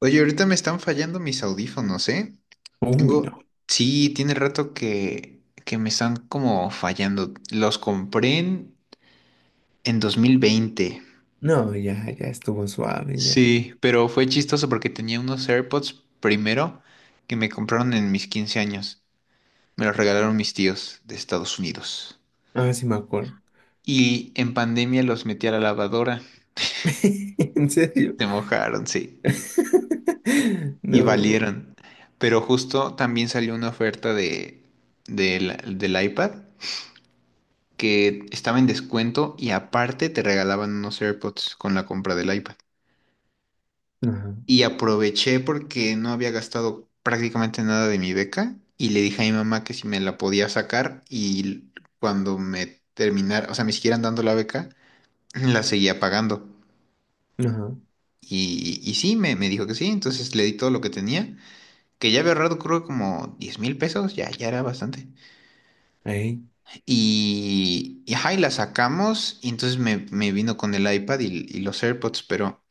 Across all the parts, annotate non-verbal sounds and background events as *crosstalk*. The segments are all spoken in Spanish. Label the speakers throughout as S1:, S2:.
S1: Oye, ahorita me están fallando mis audífonos, ¿eh?
S2: Uy,
S1: Tengo,
S2: no.
S1: sí, tiene rato que me están como fallando. Los compré en 2020.
S2: No, ya, ya estuvo suave, ya.
S1: Sí, pero fue chistoso porque tenía unos AirPods primero que me compraron en mis 15 años. Me los regalaron mis tíos de Estados Unidos.
S2: Ah, sí me acuerdo.
S1: Y en pandemia los metí a la lavadora.
S2: *laughs* ¿En serio?
S1: Se mojaron, sí.
S2: *laughs*
S1: Y
S2: No.
S1: valieron. Pero justo también salió una oferta de, del del iPad, que estaba en descuento y aparte te regalaban unos AirPods con la compra del iPad.
S2: Ajá,
S1: Y aproveché porque no había gastado prácticamente nada de mi beca y le dije a mi mamá que si me la podía sacar y cuando me terminara, o sea, me siguieran dando la beca, la seguía pagando.
S2: ajá.
S1: Y sí, me dijo que sí, entonces le di todo lo que tenía, que ya había ahorrado creo como 10,000 pesos, ya era bastante.
S2: Ahí,
S1: Y, ajá, y la sacamos y entonces me vino con el iPad y los AirPods, pero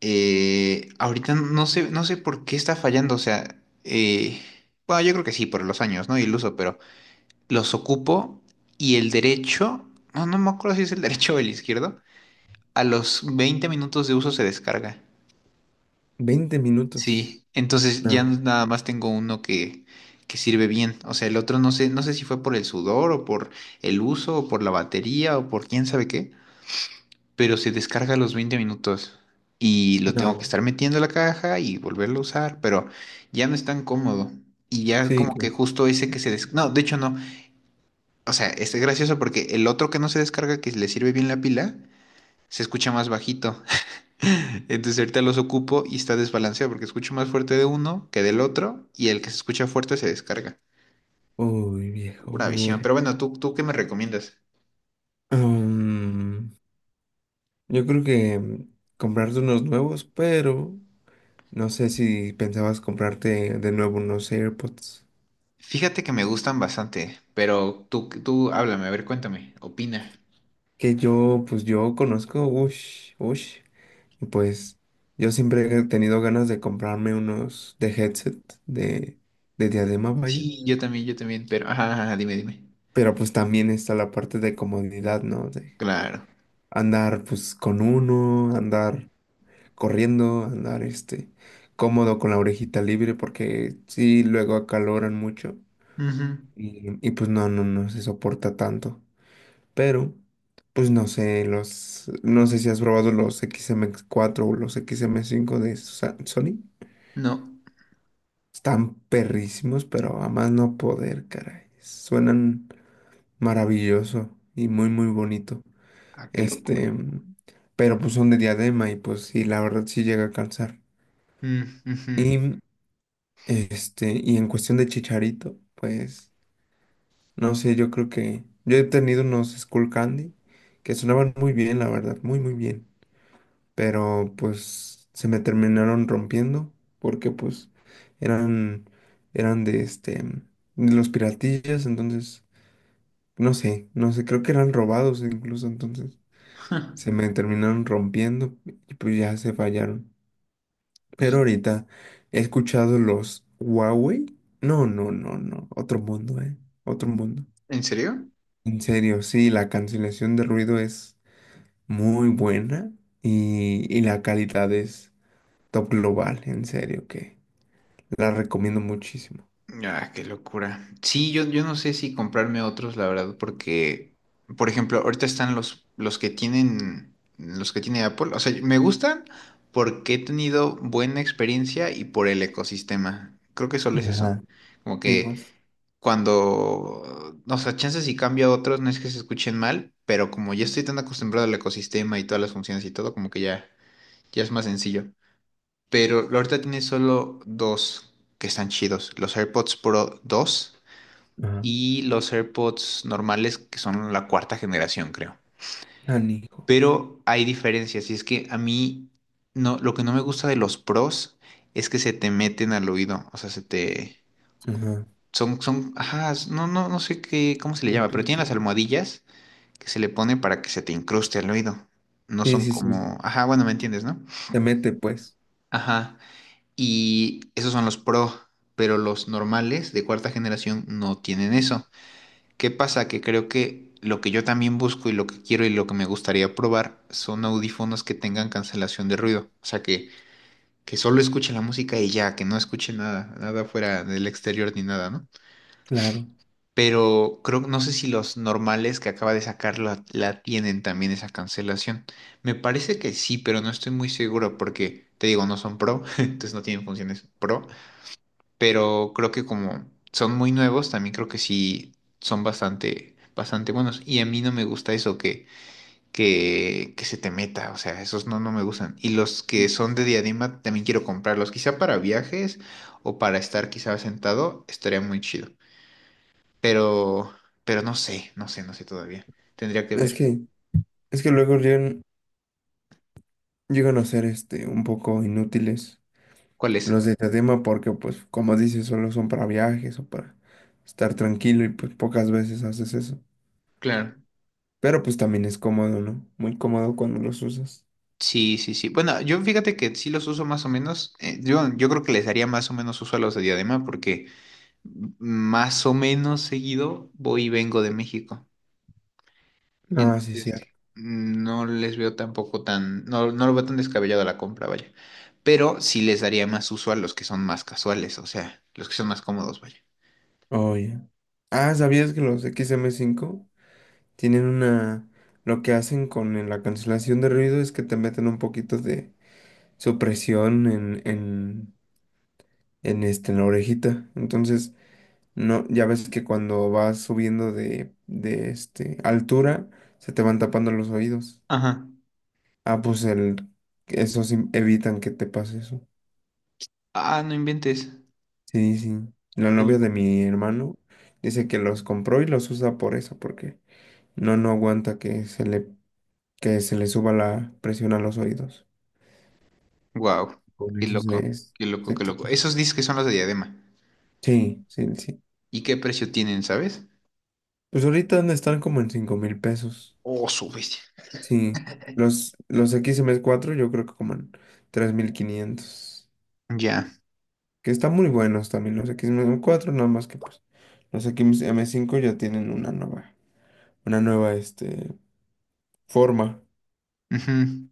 S1: Ahorita no sé por qué está fallando, o sea, bueno, yo creo que sí, por los años, ¿no? Y el uso. Pero los ocupo y el derecho, no, no me acuerdo si es el *laughs* derecho o el izquierdo, a los 20 minutos de uso se descarga.
S2: 20 minutos.
S1: Sí, entonces ya
S2: No,
S1: nada más tengo uno que sirve bien, o sea, el otro no sé si fue por el sudor o por el uso o por la batería o por quién sabe qué, pero se descarga a los 20 minutos y lo tengo que
S2: no.
S1: estar metiendo a la caja y volverlo a usar, pero ya no es tan cómodo. Y ya
S2: Sí,
S1: como que
S2: claro.
S1: justo ese que no, de hecho no. O sea, este es gracioso porque el otro que no se descarga, que le sirve bien la pila, se escucha más bajito. *laughs* Entonces ahorita los ocupo y está desbalanceado porque escucho más fuerte de uno que del otro, y el que se escucha fuerte se descarga.
S2: Uy, viejo
S1: Pura visión.
S2: burro.
S1: Pero bueno, ¿tú qué me recomiendas?
S2: Mm, yo creo que comprarte unos nuevos, pero no sé si pensabas comprarte de nuevo unos AirPods.
S1: Fíjate que me gustan bastante, pero tú háblame, a ver, cuéntame, opina.
S2: Que yo, pues yo conozco, ush, ush. Y pues yo siempre he tenido ganas de comprarme unos de headset de, de diadema, vaya.
S1: Sí, yo también, pero, ajá, ajá, dime, dime.
S2: Pero pues también está la parte de comodidad, ¿no? De
S1: Claro.
S2: andar pues con uno, andar corriendo, andar este cómodo con la orejita libre porque sí luego acaloran mucho
S1: Ujú.
S2: y pues no, no, no se soporta tanto. Pero pues no sé, los, no sé si has probado los XM4 o los XM5 de Sony.
S1: No.
S2: Están perrísimos, pero a más no poder, caray. Suenan maravilloso y muy, muy bonito.
S1: Ah, qué locura.
S2: Este, pero pues son de diadema y pues sí, la verdad sí llega a cansar.
S1: Mm, ujú.
S2: Y
S1: *laughs*
S2: este, y en cuestión de Chicharito, pues no sé, yo creo que yo he tenido unos Skull Candy que sonaban muy bien, la verdad, muy, muy bien. Pero pues se me terminaron rompiendo porque pues eran eran de este de los piratillas, entonces no sé, no sé, creo que eran robados incluso, entonces
S1: Ja.
S2: se me terminaron rompiendo y pues ya se fallaron. Pero
S1: ¿Y
S2: ahorita he escuchado los Huawei. No, no, no, no, otro mundo, otro mundo.
S1: en serio?
S2: En serio, sí, la cancelación de ruido es muy buena y la calidad es Top Global, en serio, que la recomiendo muchísimo.
S1: Ah, qué locura. Sí, yo no sé si comprarme otros, la verdad, porque, por ejemplo, ahorita están los que tiene Apple. O sea, me gustan porque he tenido buena experiencia y por el ecosistema. Creo que solo es eso.
S2: Ajá.
S1: Como que
S2: Hijos.
S1: cuando, no sé, chances, si cambio a otros, no es que se escuchen mal, pero como ya estoy tan acostumbrado al ecosistema y todas las funciones y todo, como que ya es más sencillo. Pero ahorita tiene solo dos que están chidos: los AirPods Pro 2
S2: Ajá.
S1: y los AirPods normales, que son la cuarta generación, creo.
S2: Canijo.
S1: Pero hay diferencias, y es que a mí, no, lo que no me gusta de los Pros es que se te meten al oído, o sea,
S2: Ajá.
S1: son, son, ajá, no, no sé qué, cómo se le
S2: Tun,
S1: llama, pero
S2: tun,
S1: tienen las
S2: tun.
S1: almohadillas que se le pone para que se te incruste el oído. No
S2: Sí,
S1: son. Sí,
S2: sí, sí.
S1: como, ajá, bueno, ¿me entiendes, no?
S2: Te mete, pues.
S1: Ajá. Y esos son los Pro, pero los normales de cuarta generación no tienen eso. ¿Qué pasa? Que creo que lo que yo también busco y lo que quiero y lo que me gustaría probar son audífonos que tengan cancelación de ruido. O sea, que solo escuche la música y ya, que no escuche nada, nada fuera del exterior ni nada, ¿no?
S2: Claro.
S1: Pero creo, no sé si los normales que acaba de sacar la tienen también esa cancelación. Me parece que sí, pero no estoy muy seguro porque, te digo, no son pro, *laughs* entonces no tienen funciones pro, pero creo que como son muy nuevos, también creo que sí son bastante, bastante buenos. Y a mí no me gusta eso que se te meta, o sea, esos no me gustan. Y los que son de diadema también quiero comprarlos, quizá para viajes o para estar quizá sentado, estaría muy chido. Pero, pero no sé todavía. Tendría que
S2: Es
S1: ver.
S2: que, es que luego llegan a ser este un poco inútiles
S1: ¿Cuál es?
S2: los de este tema porque, pues, como dices, solo son para viajes o para estar tranquilo y pues pocas veces haces eso.
S1: Claro.
S2: Pero pues también es cómodo, ¿no? Muy cómodo cuando los usas.
S1: Sí, sí, sí. Bueno, yo fíjate que sí los uso más o menos. Yo creo que les haría más o menos uso a los de diadema porque más o menos seguido voy y vengo de México.
S2: Ah, sí,
S1: Entonces,
S2: cierto.
S1: no les veo tampoco tan, no lo veo tan descabellado la compra, vaya. Pero sí les daría más uso a los que son más casuales, o sea, los que son más cómodos, vaya.
S2: Oye. Ah, ¿sabías que los XM5 tienen una... Lo que hacen con la cancelación de ruido es que te meten un poquito de supresión en la orejita. Entonces, no, ya ves que cuando vas subiendo de altura, se te van tapando los oídos.
S1: Ajá.
S2: Ah, pues esos evitan que te pase eso.
S1: Ah, no inventes.
S2: Sí, sí. La
S1: Qué
S2: novia
S1: loco.
S2: de mi hermano dice que los compró y los usa por eso, porque no aguanta que se le suba la presión a los oídos.
S1: Wow,
S2: Con
S1: qué
S2: eso
S1: loco,
S2: se,
S1: qué loco,
S2: se
S1: qué loco.
S2: quita.
S1: Esos dices que son los de diadema.
S2: Sí, sí, sí.
S1: ¿Y qué precio tienen, sabes?
S2: Pues ahorita dónde están como en 5,000 pesos.
S1: Oh, su bestia.
S2: Sí. Los XM4 yo creo que como en 3,500.
S1: Ya.
S2: Que están muy buenos también los XM4 nada más que pues los XM5 ya tienen una nueva forma.
S1: Ujú.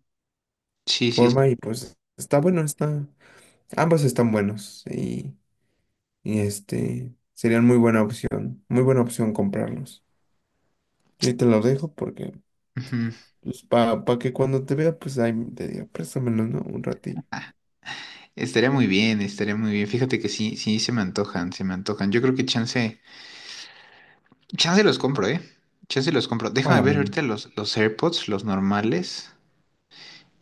S1: Sí, sí. Sí,
S2: Forma y pues está bueno, está. Ambos están buenos y este serían muy buena opción. Muy buena opción comprarlos. Yo ahí te lo dejo porque
S1: ujú.
S2: pues para que cuando te vea, pues ahí te diga, préstamelo, ¿no? Un ratillo.
S1: Estaría muy bien, estaría muy bien. Fíjate que sí, sí se me antojan, se me antojan. Yo creo que chance, chance los compro, ¿eh? Chance los compro.
S2: A
S1: Déjame
S2: la
S1: ver
S2: mía.
S1: ahorita los AirPods, los normales.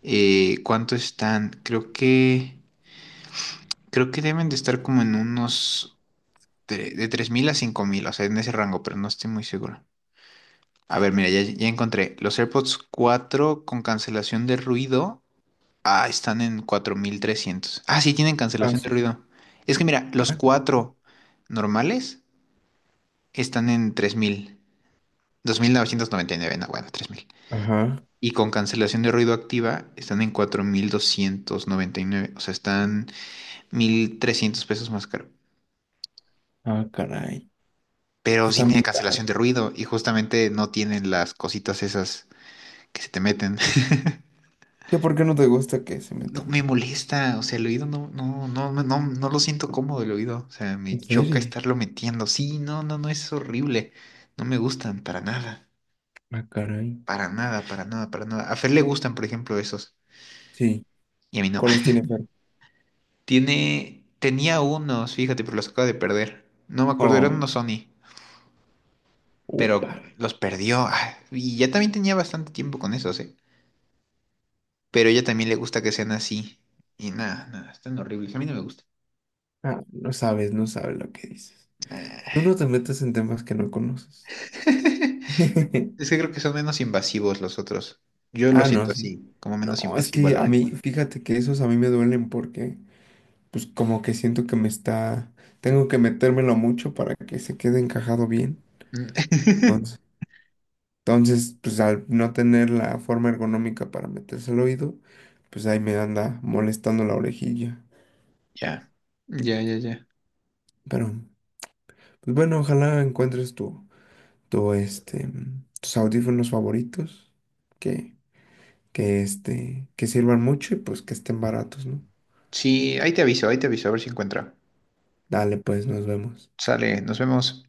S1: ¿Cuánto están? Creo que deben de estar como en unos de 3,000 a 5,000, o sea, en ese rango, pero no estoy muy seguro. A ver, mira, ya encontré. Los AirPods 4 con cancelación de ruido. Ah, están en 4,300. Ah, sí, tienen
S2: Ah,
S1: cancelación de
S2: sí.
S1: ruido. Es que mira, los
S2: Ah,
S1: 4 normales están en 3,000. 2,999, no, bueno, 3,000.
S2: ajá.
S1: Y con cancelación de ruido activa están en 4,299. O sea, están 1,300 pesos más caro.
S2: Ah, caray.
S1: Pero
S2: Sí,
S1: sí
S2: está
S1: tiene
S2: muy caro.
S1: cancelación de ruido y justamente no tienen las cositas esas que se te meten.
S2: ¿Qué por qué no te gusta que se
S1: No,
S2: metan?
S1: me molesta, o sea, el oído no, no lo siento cómodo el oído, o sea, me
S2: ¿En
S1: choca
S2: serio?
S1: estarlo metiendo. Sí, no, no, no, es horrible. No me gustan para nada,
S2: Ah, caray.
S1: para nada, para nada, para nada. A Fer le gustan, por ejemplo, esos,
S2: Sí.
S1: y a mí no.
S2: ¿Cuáles tiene Fer?
S1: *laughs* Tiene, tenía unos, fíjate, pero los acaba de perder. No me acuerdo, eran
S2: Oh,
S1: unos Sony,
S2: upa.
S1: pero los perdió. Ah, y ya también tenía bastante tiempo con esos, ¿eh? Pero a ella también le gusta que sean así. Y nada, nada, están horribles, a mí no me gusta.
S2: Ah, no sabes, no sabes lo que dices. Tú no te metes en temas que no conoces.
S1: *laughs*
S2: *laughs*
S1: Es que creo que son menos invasivos los otros. Yo lo
S2: Ah, no,
S1: siento
S2: sí.
S1: así, como
S2: No,
S1: menos
S2: es
S1: invasivo, al
S2: que a
S1: Lore.
S2: mí, fíjate que esos a mí me duelen porque pues como que siento que me está, tengo que metérmelo mucho para que se quede encajado bien.
S1: Mm. *laughs*
S2: Entonces, entonces, pues al no tener la forma ergonómica para meterse al oído, pues ahí me anda molestando la orejilla.
S1: Ya, ya, ya, ya.
S2: Pero, pues bueno, ojalá encuentres tu tus audífonos favoritos, que, que que sirvan mucho y pues que estén baratos, ¿no?
S1: Sí, ahí te aviso, a ver si encuentro.
S2: Dale, pues, nos vemos.
S1: Sale, nos vemos.